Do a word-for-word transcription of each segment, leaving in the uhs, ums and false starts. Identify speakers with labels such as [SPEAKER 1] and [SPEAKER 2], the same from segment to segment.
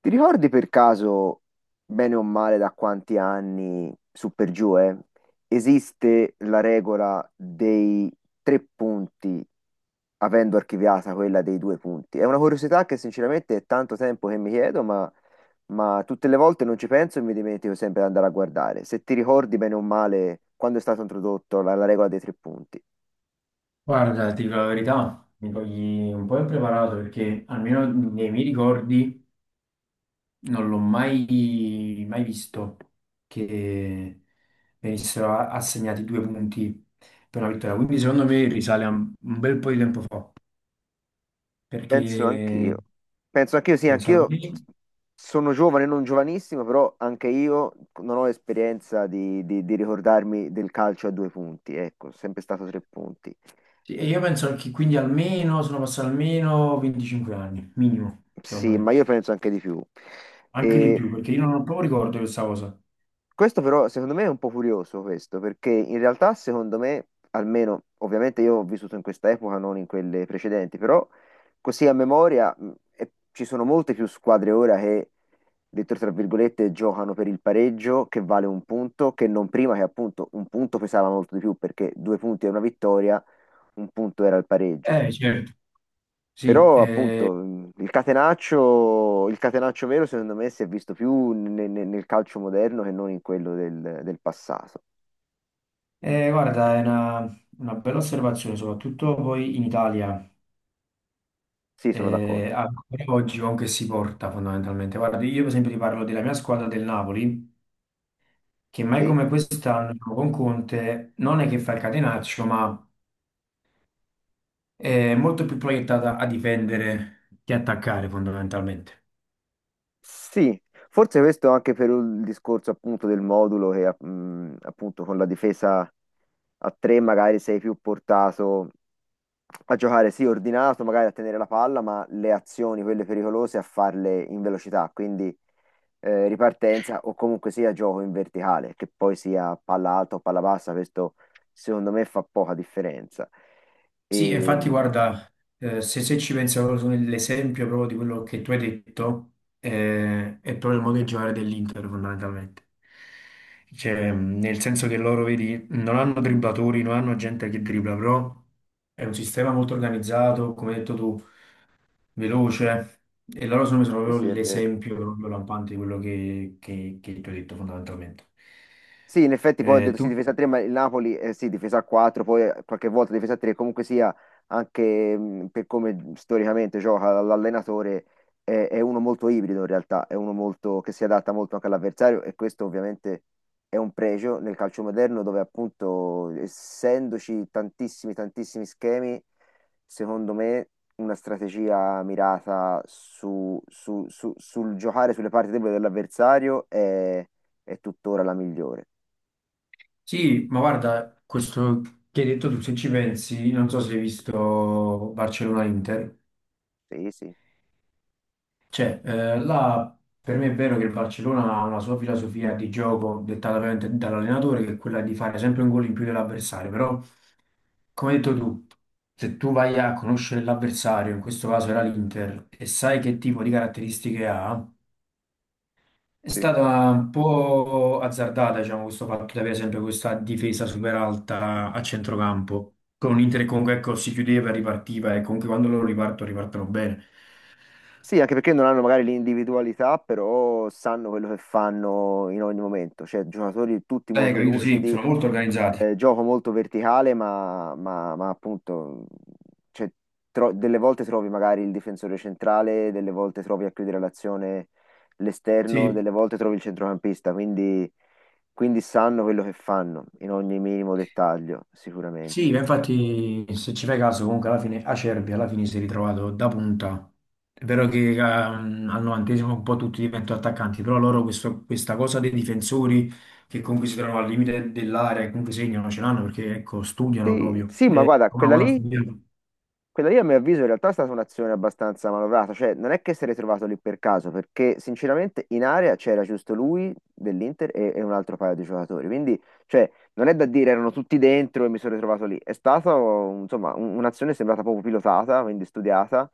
[SPEAKER 1] Ti ricordi per caso, bene o male, da quanti anni, su per giù, eh, esiste la regola dei tre punti, avendo archiviata quella dei due punti? È una curiosità che sinceramente è tanto tempo che mi chiedo, ma, ma tutte le volte non ci penso e mi dimentico sempre di andare a guardare. Se ti ricordi bene o male, quando è stata introdotta la, la regola dei tre punti?
[SPEAKER 2] Guarda, ti dico la verità, mi togli un po' impreparato perché almeno nei miei ricordi non l'ho mai, mai visto che venissero a- assegnati due punti per una vittoria. Quindi secondo me risale a un un bel po' di tempo fa,
[SPEAKER 1] Penso anch'io.
[SPEAKER 2] perché
[SPEAKER 1] Penso anch'io, sì,
[SPEAKER 2] penso
[SPEAKER 1] anch'io
[SPEAKER 2] almeno,
[SPEAKER 1] sono giovane, non giovanissimo, però anche io non ho esperienza di, di- di ricordarmi del calcio a due punti, ecco, sempre stato tre punti.
[SPEAKER 2] sì, e io penso che quindi almeno sono passati almeno venticinque anni, minimo, secondo
[SPEAKER 1] Sì, ma
[SPEAKER 2] me,
[SPEAKER 1] io penso anche di più.
[SPEAKER 2] anche di
[SPEAKER 1] E
[SPEAKER 2] più, perché io non ho proprio ricordo di questa cosa.
[SPEAKER 1] Questo però secondo me è un po' curioso questo, perché in realtà secondo me, almeno ovviamente io ho vissuto in questa epoca, non in quelle precedenti, però così a memoria mh, e- ci sono molte più squadre ora che, detto tra virgolette, giocano per il pareggio che vale un punto, che non prima che appunto un punto pesava molto di più perché due punti era una vittoria, un punto era il pareggio.
[SPEAKER 2] Eh, certo, sì,
[SPEAKER 1] Però
[SPEAKER 2] eh,
[SPEAKER 1] appunto il catenaccio, il catenaccio vero secondo me si è visto più ne- ne- nel calcio moderno che non in quello del, del passato.
[SPEAKER 2] eh, guarda, è una, una bella osservazione, soprattutto poi in Italia,
[SPEAKER 1] Sì, sono d'accordo.
[SPEAKER 2] eh, ancora oggi con che si porta fondamentalmente. Guarda, io per esempio ti parlo della mia squadra del Napoli, che mai
[SPEAKER 1] Sì?
[SPEAKER 2] come quest'anno diciamo, con Conte non è che fa il catenaccio, ma è molto più proiettata a difendere che attaccare fondamentalmente.
[SPEAKER 1] Sì, forse questo anche per il discorso appunto del modulo che mh, appunto con la difesa a tre magari sei più portato a giocare sì ordinato, magari a tenere la palla, ma le azioni, quelle pericolose, a farle in velocità. Quindi eh, ripartenza o comunque sia gioco in verticale, che poi sia palla alta o palla bassa, questo secondo me fa poca differenza.
[SPEAKER 2] Sì, e
[SPEAKER 1] E,
[SPEAKER 2] infatti
[SPEAKER 1] mm,
[SPEAKER 2] guarda, eh, se, se ci pensi proprio su nell'esempio proprio di quello che tu hai detto, eh, è proprio il modo di giocare dell'Inter fondamentalmente. Cioè, mh, nel senso che loro, vedi, non hanno dribblatori, non hanno gente che dribbla, però è un sistema molto organizzato, come hai detto tu, veloce, e loro sono sono
[SPEAKER 1] sì, sì,
[SPEAKER 2] proprio
[SPEAKER 1] è vero.
[SPEAKER 2] l'esempio proprio lampante di quello che, che che tu hai detto fondamentalmente.
[SPEAKER 1] Sì, in effetti poi ho
[SPEAKER 2] Eh,
[SPEAKER 1] detto sì,
[SPEAKER 2] tu?
[SPEAKER 1] difesa a tre, ma il Napoli eh, sì, difesa a quattro, poi eh, qualche volta difesa a tre, comunque sia anche mh, per come storicamente gioca l- l'allenatore, è, è uno molto ibrido in realtà, è uno molto, che si adatta molto anche all'avversario e questo ovviamente è un pregio nel calcio moderno dove appunto essendoci tantissimi, tantissimi schemi, secondo me una strategia mirata su- su- su- sul giocare sulle parti deboli dell'avversario è è tuttora la migliore.
[SPEAKER 2] Sì, ma guarda, questo che hai detto tu, se ci pensi, non so se hai visto Barcellona-Inter,
[SPEAKER 1] Sì, sì,
[SPEAKER 2] cioè, eh, là per me è vero che il Barcellona ha una sua filosofia di gioco dettata veramente dall'allenatore, che è quella di fare sempre un gol in più dell'avversario, però, come hai detto tu, se tu vai a conoscere l'avversario, in questo caso era l'Inter, e sai che tipo di caratteristiche ha. È
[SPEAKER 1] sì.
[SPEAKER 2] stata un po' azzardata, diciamo, questo fatto di avere sempre questa difesa super alta a centrocampo, con un Inter che comunque ecco, si chiudeva e ripartiva, e comunque quando loro ripartono, ripartono bene.
[SPEAKER 1] Sì, anche perché non hanno magari l'individualità, però sanno quello che fanno in ogni momento. Cioè, giocatori tutti
[SPEAKER 2] Eh,
[SPEAKER 1] molto
[SPEAKER 2] capito? Sì,
[SPEAKER 1] lucidi,
[SPEAKER 2] sono molto organizzati.
[SPEAKER 1] eh, gioco molto verticale, ma, ma- ma appunto, cioè, tro- delle volte trovi magari il difensore centrale, delle volte trovi a chiudere l'azione l'esterno,
[SPEAKER 2] Sì,
[SPEAKER 1] delle volte trovi il centrocampista, quindi, quindi sanno quello che fanno in ogni minimo dettaglio,
[SPEAKER 2] sì,
[SPEAKER 1] sicuramente.
[SPEAKER 2] ma infatti se ci fai caso comunque alla fine Acerbi alla fine si è ritrovato da punta. È vero che ehm, al novantesimo un po' tutti diventano attaccanti, però loro questo- questa cosa dei difensori che comunque si trovano al limite dell'area e comunque segnano ce l'hanno perché ecco, studiano
[SPEAKER 1] Sì,
[SPEAKER 2] proprio.
[SPEAKER 1] sì, ma
[SPEAKER 2] È
[SPEAKER 1] guarda,
[SPEAKER 2] una
[SPEAKER 1] quella
[SPEAKER 2] cosa
[SPEAKER 1] lì
[SPEAKER 2] studiata.
[SPEAKER 1] quella lì a mio avviso in realtà è stata un'azione abbastanza manovrata, cioè non è che si è ritrovato lì per caso, perché sinceramente in area c'era giusto lui dell'Inter e, e un altro paio di giocatori, quindi cioè, non è da dire erano tutti dentro e mi sono ritrovato lì, è stata insomma un- un'azione sembrata proprio pilotata, quindi studiata,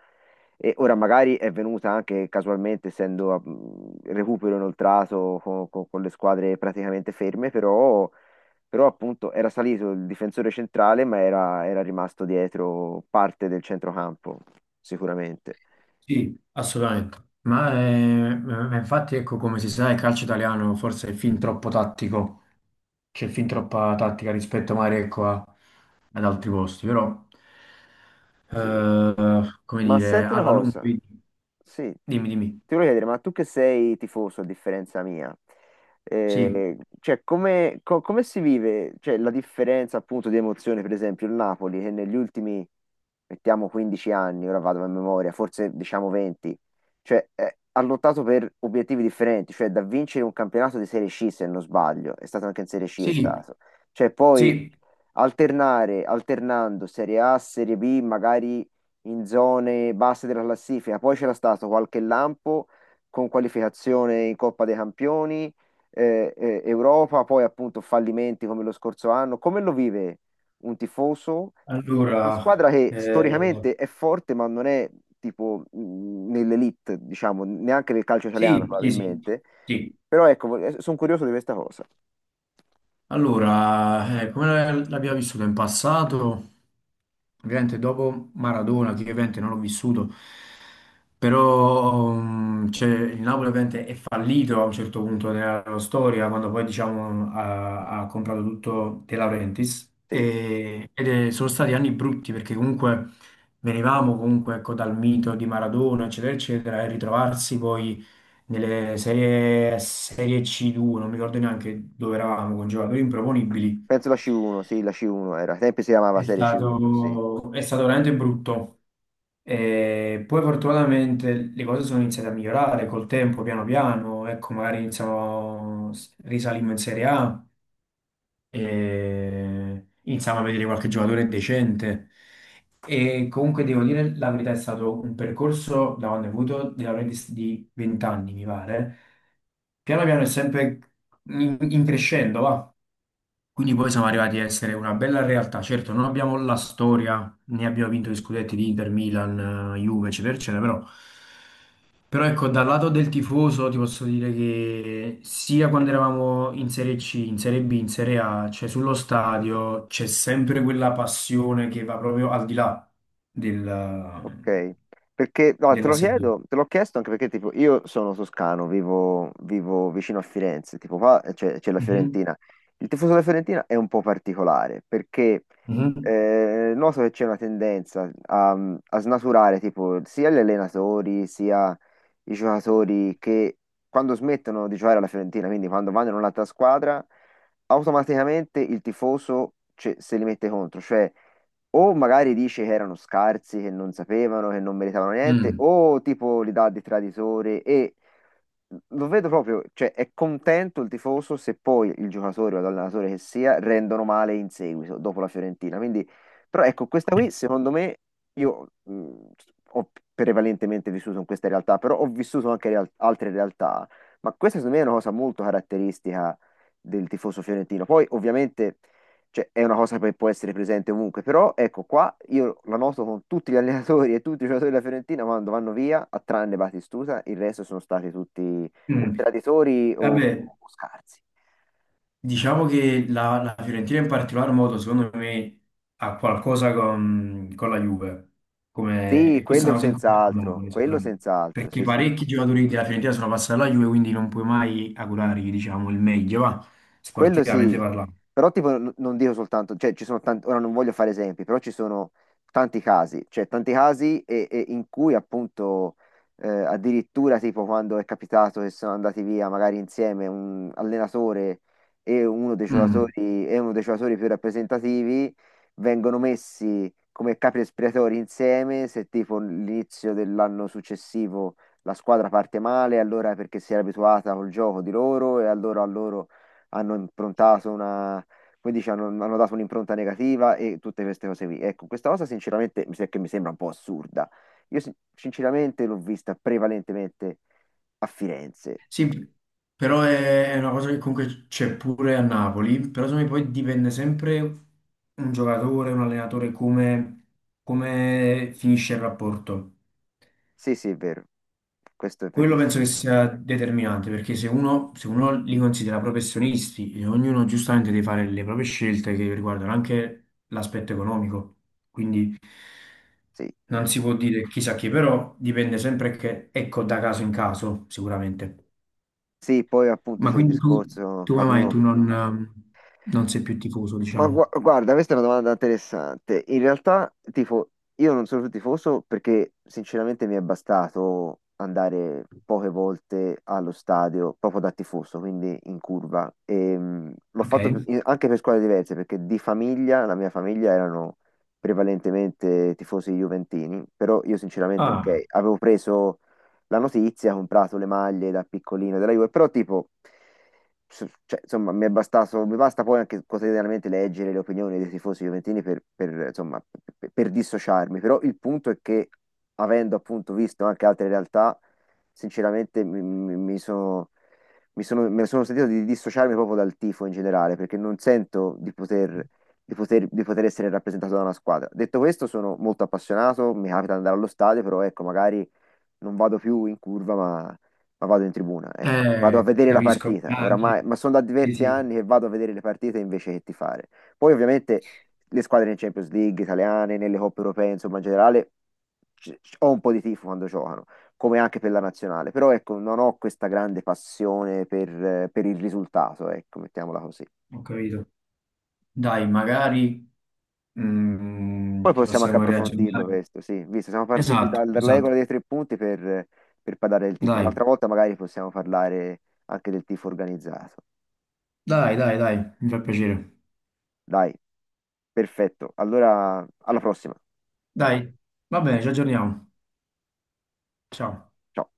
[SPEAKER 1] e ora magari è venuta anche casualmente, essendo mh, recupero inoltrato con, con- con le squadre praticamente ferme, però però appunto era salito il difensore centrale, ma era, era rimasto dietro parte del centrocampo, sicuramente.
[SPEAKER 2] Sì, assolutamente. Ma eh, ma infatti ecco come si sa il calcio italiano forse è fin troppo tattico. C'è fin troppa tattica rispetto magari ecco, a- ad altri posti, però,
[SPEAKER 1] Sì,
[SPEAKER 2] eh, come
[SPEAKER 1] ma
[SPEAKER 2] dire,
[SPEAKER 1] senti una
[SPEAKER 2] alla lunga,
[SPEAKER 1] cosa,
[SPEAKER 2] vedi,
[SPEAKER 1] sì,
[SPEAKER 2] dimmi, dimmi.
[SPEAKER 1] ti voglio chiedere, ma tu che sei tifoso a differenza mia,
[SPEAKER 2] Sì,
[SPEAKER 1] eh, cioè come, co- come si vive, cioè, la differenza appunto di emozione, per esempio il Napoli che negli ultimi, mettiamo quindici anni, ora vado a memoria, forse diciamo venti, cioè eh, ha lottato per obiettivi differenti, cioè da vincere un campionato di Serie C se non sbaglio, è stato anche in Serie C è
[SPEAKER 2] sì,
[SPEAKER 1] stato, cioè poi
[SPEAKER 2] sì.
[SPEAKER 1] alternare, alternando Serie A, Serie B, magari in zone basse della classifica. Poi c'era stato qualche lampo con qualificazione in Coppa dei Campioni, eh, eh, Europa, poi appunto fallimenti come lo scorso anno. Come lo vive un tifoso di una
[SPEAKER 2] Allora,
[SPEAKER 1] squadra che
[SPEAKER 2] eh,
[SPEAKER 1] storicamente è forte, ma non è tipo mh, nell'elite, diciamo, neanche nel calcio italiano
[SPEAKER 2] sì, sì, sì,
[SPEAKER 1] probabilmente.
[SPEAKER 2] sì.
[SPEAKER 1] Però ecco, sono curioso di questa cosa.
[SPEAKER 2] Allora, eh, come l'abbiamo vissuto in passato, ovviamente dopo Maradona, che ovviamente non l'ho vissuto, però mm, cioè, il Napoli ovviamente è fallito a un certo punto nella loro storia, quando poi diciamo ha, ha comprato tutto De Laurentiis,
[SPEAKER 1] Sì,
[SPEAKER 2] e- ed è- sono stati anni brutti perché comunque venivamo comunque ecco, dal mito di Maradona, eccetera, eccetera, e ritrovarsi poi nelle serie, serie C due, non mi ricordo neanche dove eravamo con giocatori improponibili.
[SPEAKER 1] penso la C uno, sì, la C uno era. Ai tempi si chiamava
[SPEAKER 2] È
[SPEAKER 1] Serie C uno, sì.
[SPEAKER 2] stato, è stato veramente brutto. E poi fortunatamente le cose sono iniziate a migliorare col tempo, piano piano. Ecco, magari iniziamo, risalimmo in Serie A. E iniziamo a vedere qualche giocatore decente. E comunque devo dire la verità, è stato un percorso da quando ho avuto della media di di venti anni, mi pare. Piano piano è sempre in, in crescendo, va. Quindi poi siamo arrivati a essere una bella realtà. Certo, non abbiamo la storia, né abbiamo vinto gli scudetti di Inter, Milan, eh, Juve, eccetera, eccetera, però però ecco, dal lato del tifoso ti posso dire che sia quando eravamo in Serie C, in Serie B, in Serie A, cioè sullo stadio c'è sempre quella passione che va proprio al di là del-
[SPEAKER 1] Ok, perché no, te
[SPEAKER 2] della
[SPEAKER 1] lo
[SPEAKER 2] serie.
[SPEAKER 1] chiedo, te l'ho chiesto anche perché tipo io sono toscano, vivo, vivo vicino a Firenze, tipo qua eh, c'è c'è la
[SPEAKER 2] Mhm,
[SPEAKER 1] Fiorentina. Il tifoso della Fiorentina è un po' particolare perché
[SPEAKER 2] mhm.
[SPEAKER 1] eh, noto che c'è una tendenza a, a snaturare tipo sia gli allenatori sia i giocatori che quando smettono di giocare alla Fiorentina, quindi quando vanno in un'altra squadra, automaticamente il tifoso ce- se li mette contro, cioè o magari dice che erano scarsi, che non sapevano, che non meritavano niente,
[SPEAKER 2] Mm.
[SPEAKER 1] o tipo li dà di traditore e lo vedo proprio, cioè è contento il tifoso se poi il giocatore o l'allenatore che sia rendono male in seguito, dopo la Fiorentina. Quindi, però ecco, questa qui secondo me io mh, ho prevalentemente vissuto in questa realtà, però ho vissuto anche real- altre realtà, ma questa secondo me è una cosa molto caratteristica del tifoso fiorentino. Poi ovviamente cioè, è una cosa che può essere presente ovunque, però ecco qua io la noto con tutti gli allenatori e tutti i giocatori della Fiorentina quando vanno via, a tranne Batistuta, il resto sono stati tutti o
[SPEAKER 2] Mm.
[SPEAKER 1] traditori o,
[SPEAKER 2] Vabbè,
[SPEAKER 1] o scarsi.
[SPEAKER 2] diciamo che la, la Fiorentina in particolar modo, secondo me, ha qualcosa con, con la Juve. Come,
[SPEAKER 1] Sì,
[SPEAKER 2] e questa è
[SPEAKER 1] quello
[SPEAKER 2] una cosa in cui
[SPEAKER 1] senz'altro,
[SPEAKER 2] parliamo,
[SPEAKER 1] quello
[SPEAKER 2] sicuramente.
[SPEAKER 1] senz'altro,
[SPEAKER 2] Perché
[SPEAKER 1] sì, sì.
[SPEAKER 2] parecchi giocatori della Fiorentina sono passati alla Juve, quindi non puoi mai augurargli, diciamo, il meglio, va,
[SPEAKER 1] Quello
[SPEAKER 2] sportivamente
[SPEAKER 1] sì,
[SPEAKER 2] parlando.
[SPEAKER 1] però tipo n- non dico soltanto, cioè ci sono tanti, ora non voglio fare esempi, però ci sono tanti casi, cioè tanti casi e- e in cui appunto eh, addirittura tipo quando è capitato che sono andati via magari insieme un allenatore e uno dei
[SPEAKER 2] Mm.
[SPEAKER 1] giocatori, e uno dei giocatori più rappresentativi vengono messi come capi espiatori insieme se tipo l'inizio dell'anno successivo la squadra parte male, allora è perché si era abituata col gioco di loro e allora a loro hanno improntato una, come dici, hanno, hanno dato un'impronta negativa e tutte queste cose qui. Ecco, questa cosa sinceramente mi, se- che mi sembra un po' assurda. Io sin- sinceramente l'ho vista prevalentemente a Firenze.
[SPEAKER 2] Sì, però è, è una cosa che comunque c'è pure a Napoli, però secondo me poi dipende sempre un giocatore, un allenatore, come, come finisce il rapporto.
[SPEAKER 1] Sì, sì, è vero. Questo è
[SPEAKER 2] Quello
[SPEAKER 1] verissimo.
[SPEAKER 2] penso che sia determinante perché se uno, se uno li considera professionisti e ognuno giustamente deve fare le proprie scelte che riguardano anche l'aspetto economico, quindi
[SPEAKER 1] Sì.
[SPEAKER 2] non si può dire chissà chi, però dipende sempre che, ecco, da caso in caso sicuramente.
[SPEAKER 1] Sì, poi appunto
[SPEAKER 2] Ma
[SPEAKER 1] c'è il
[SPEAKER 2] quindi tu,
[SPEAKER 1] discorso
[SPEAKER 2] tu come
[SPEAKER 1] quando
[SPEAKER 2] mai tu
[SPEAKER 1] uno...
[SPEAKER 2] non, ehm, non sei più tifoso,
[SPEAKER 1] Ma
[SPEAKER 2] diciamo?
[SPEAKER 1] gua- guarda, questa è una domanda interessante. In realtà, tipo, io non sono più tifoso perché sinceramente mi è bastato andare poche volte allo stadio proprio da tifoso, quindi in curva. E, mh, l'ho
[SPEAKER 2] Ok?
[SPEAKER 1] fatto in- anche per squadre diverse perché di famiglia, la mia famiglia erano prevalentemente tifosi juventini, però io sinceramente, ok,
[SPEAKER 2] Ah,
[SPEAKER 1] avevo preso la notizia, ha comprato le maglie da piccolino della Juve, però tipo, s- cioè, insomma, mi è bastato, mi basta poi anche quotidianamente leggere le opinioni dei tifosi juventini per, per, insomma, per, per dissociarmi, però il punto è che avendo appunto visto anche altre realtà, sinceramente mi, mi- mi sono... Mi sono, me ne sono sentito di dissociarmi proprio dal tifo in generale, perché non sento di poter, di poter, di poter essere rappresentato da una squadra. Detto questo, sono molto appassionato, mi capita di andare allo stadio, però ecco, magari non vado più in curva, ma, ma vado in tribuna, ecco. Vado a
[SPEAKER 2] eh,
[SPEAKER 1] vedere la
[SPEAKER 2] capisco.
[SPEAKER 1] partita,
[SPEAKER 2] Ah,
[SPEAKER 1] oramai,
[SPEAKER 2] sì,
[SPEAKER 1] ma sono da
[SPEAKER 2] sì,
[SPEAKER 1] diversi
[SPEAKER 2] sì,
[SPEAKER 1] anni che vado a vedere le partite invece che tifare. Poi ovviamente le squadre in Champions League italiane, nelle coppe europee, insomma in generale c- c- ho un po' di tifo quando giocano, come anche per la nazionale, però ecco, non ho questa grande passione per, eh, per il risultato, ecco, mettiamola così.
[SPEAKER 2] ho capito. Dai, magari.
[SPEAKER 1] Poi
[SPEAKER 2] Mm, ci
[SPEAKER 1] possiamo anche
[SPEAKER 2] possiamo
[SPEAKER 1] approfondirlo
[SPEAKER 2] riaggiornare.
[SPEAKER 1] questo, sì, visto, siamo partiti
[SPEAKER 2] Esatto,
[SPEAKER 1] dal- dalla regola
[SPEAKER 2] esatto.
[SPEAKER 1] dei tre punti per, per parlare del tifo.
[SPEAKER 2] Dai,
[SPEAKER 1] Un'altra volta magari possiamo parlare anche del tifo organizzato.
[SPEAKER 2] dai, dai, dai, mi fa piacere.
[SPEAKER 1] Dai, perfetto. Allora, alla prossima.
[SPEAKER 2] Dai, va bene, ci aggiorniamo. Ciao.
[SPEAKER 1] Ciao.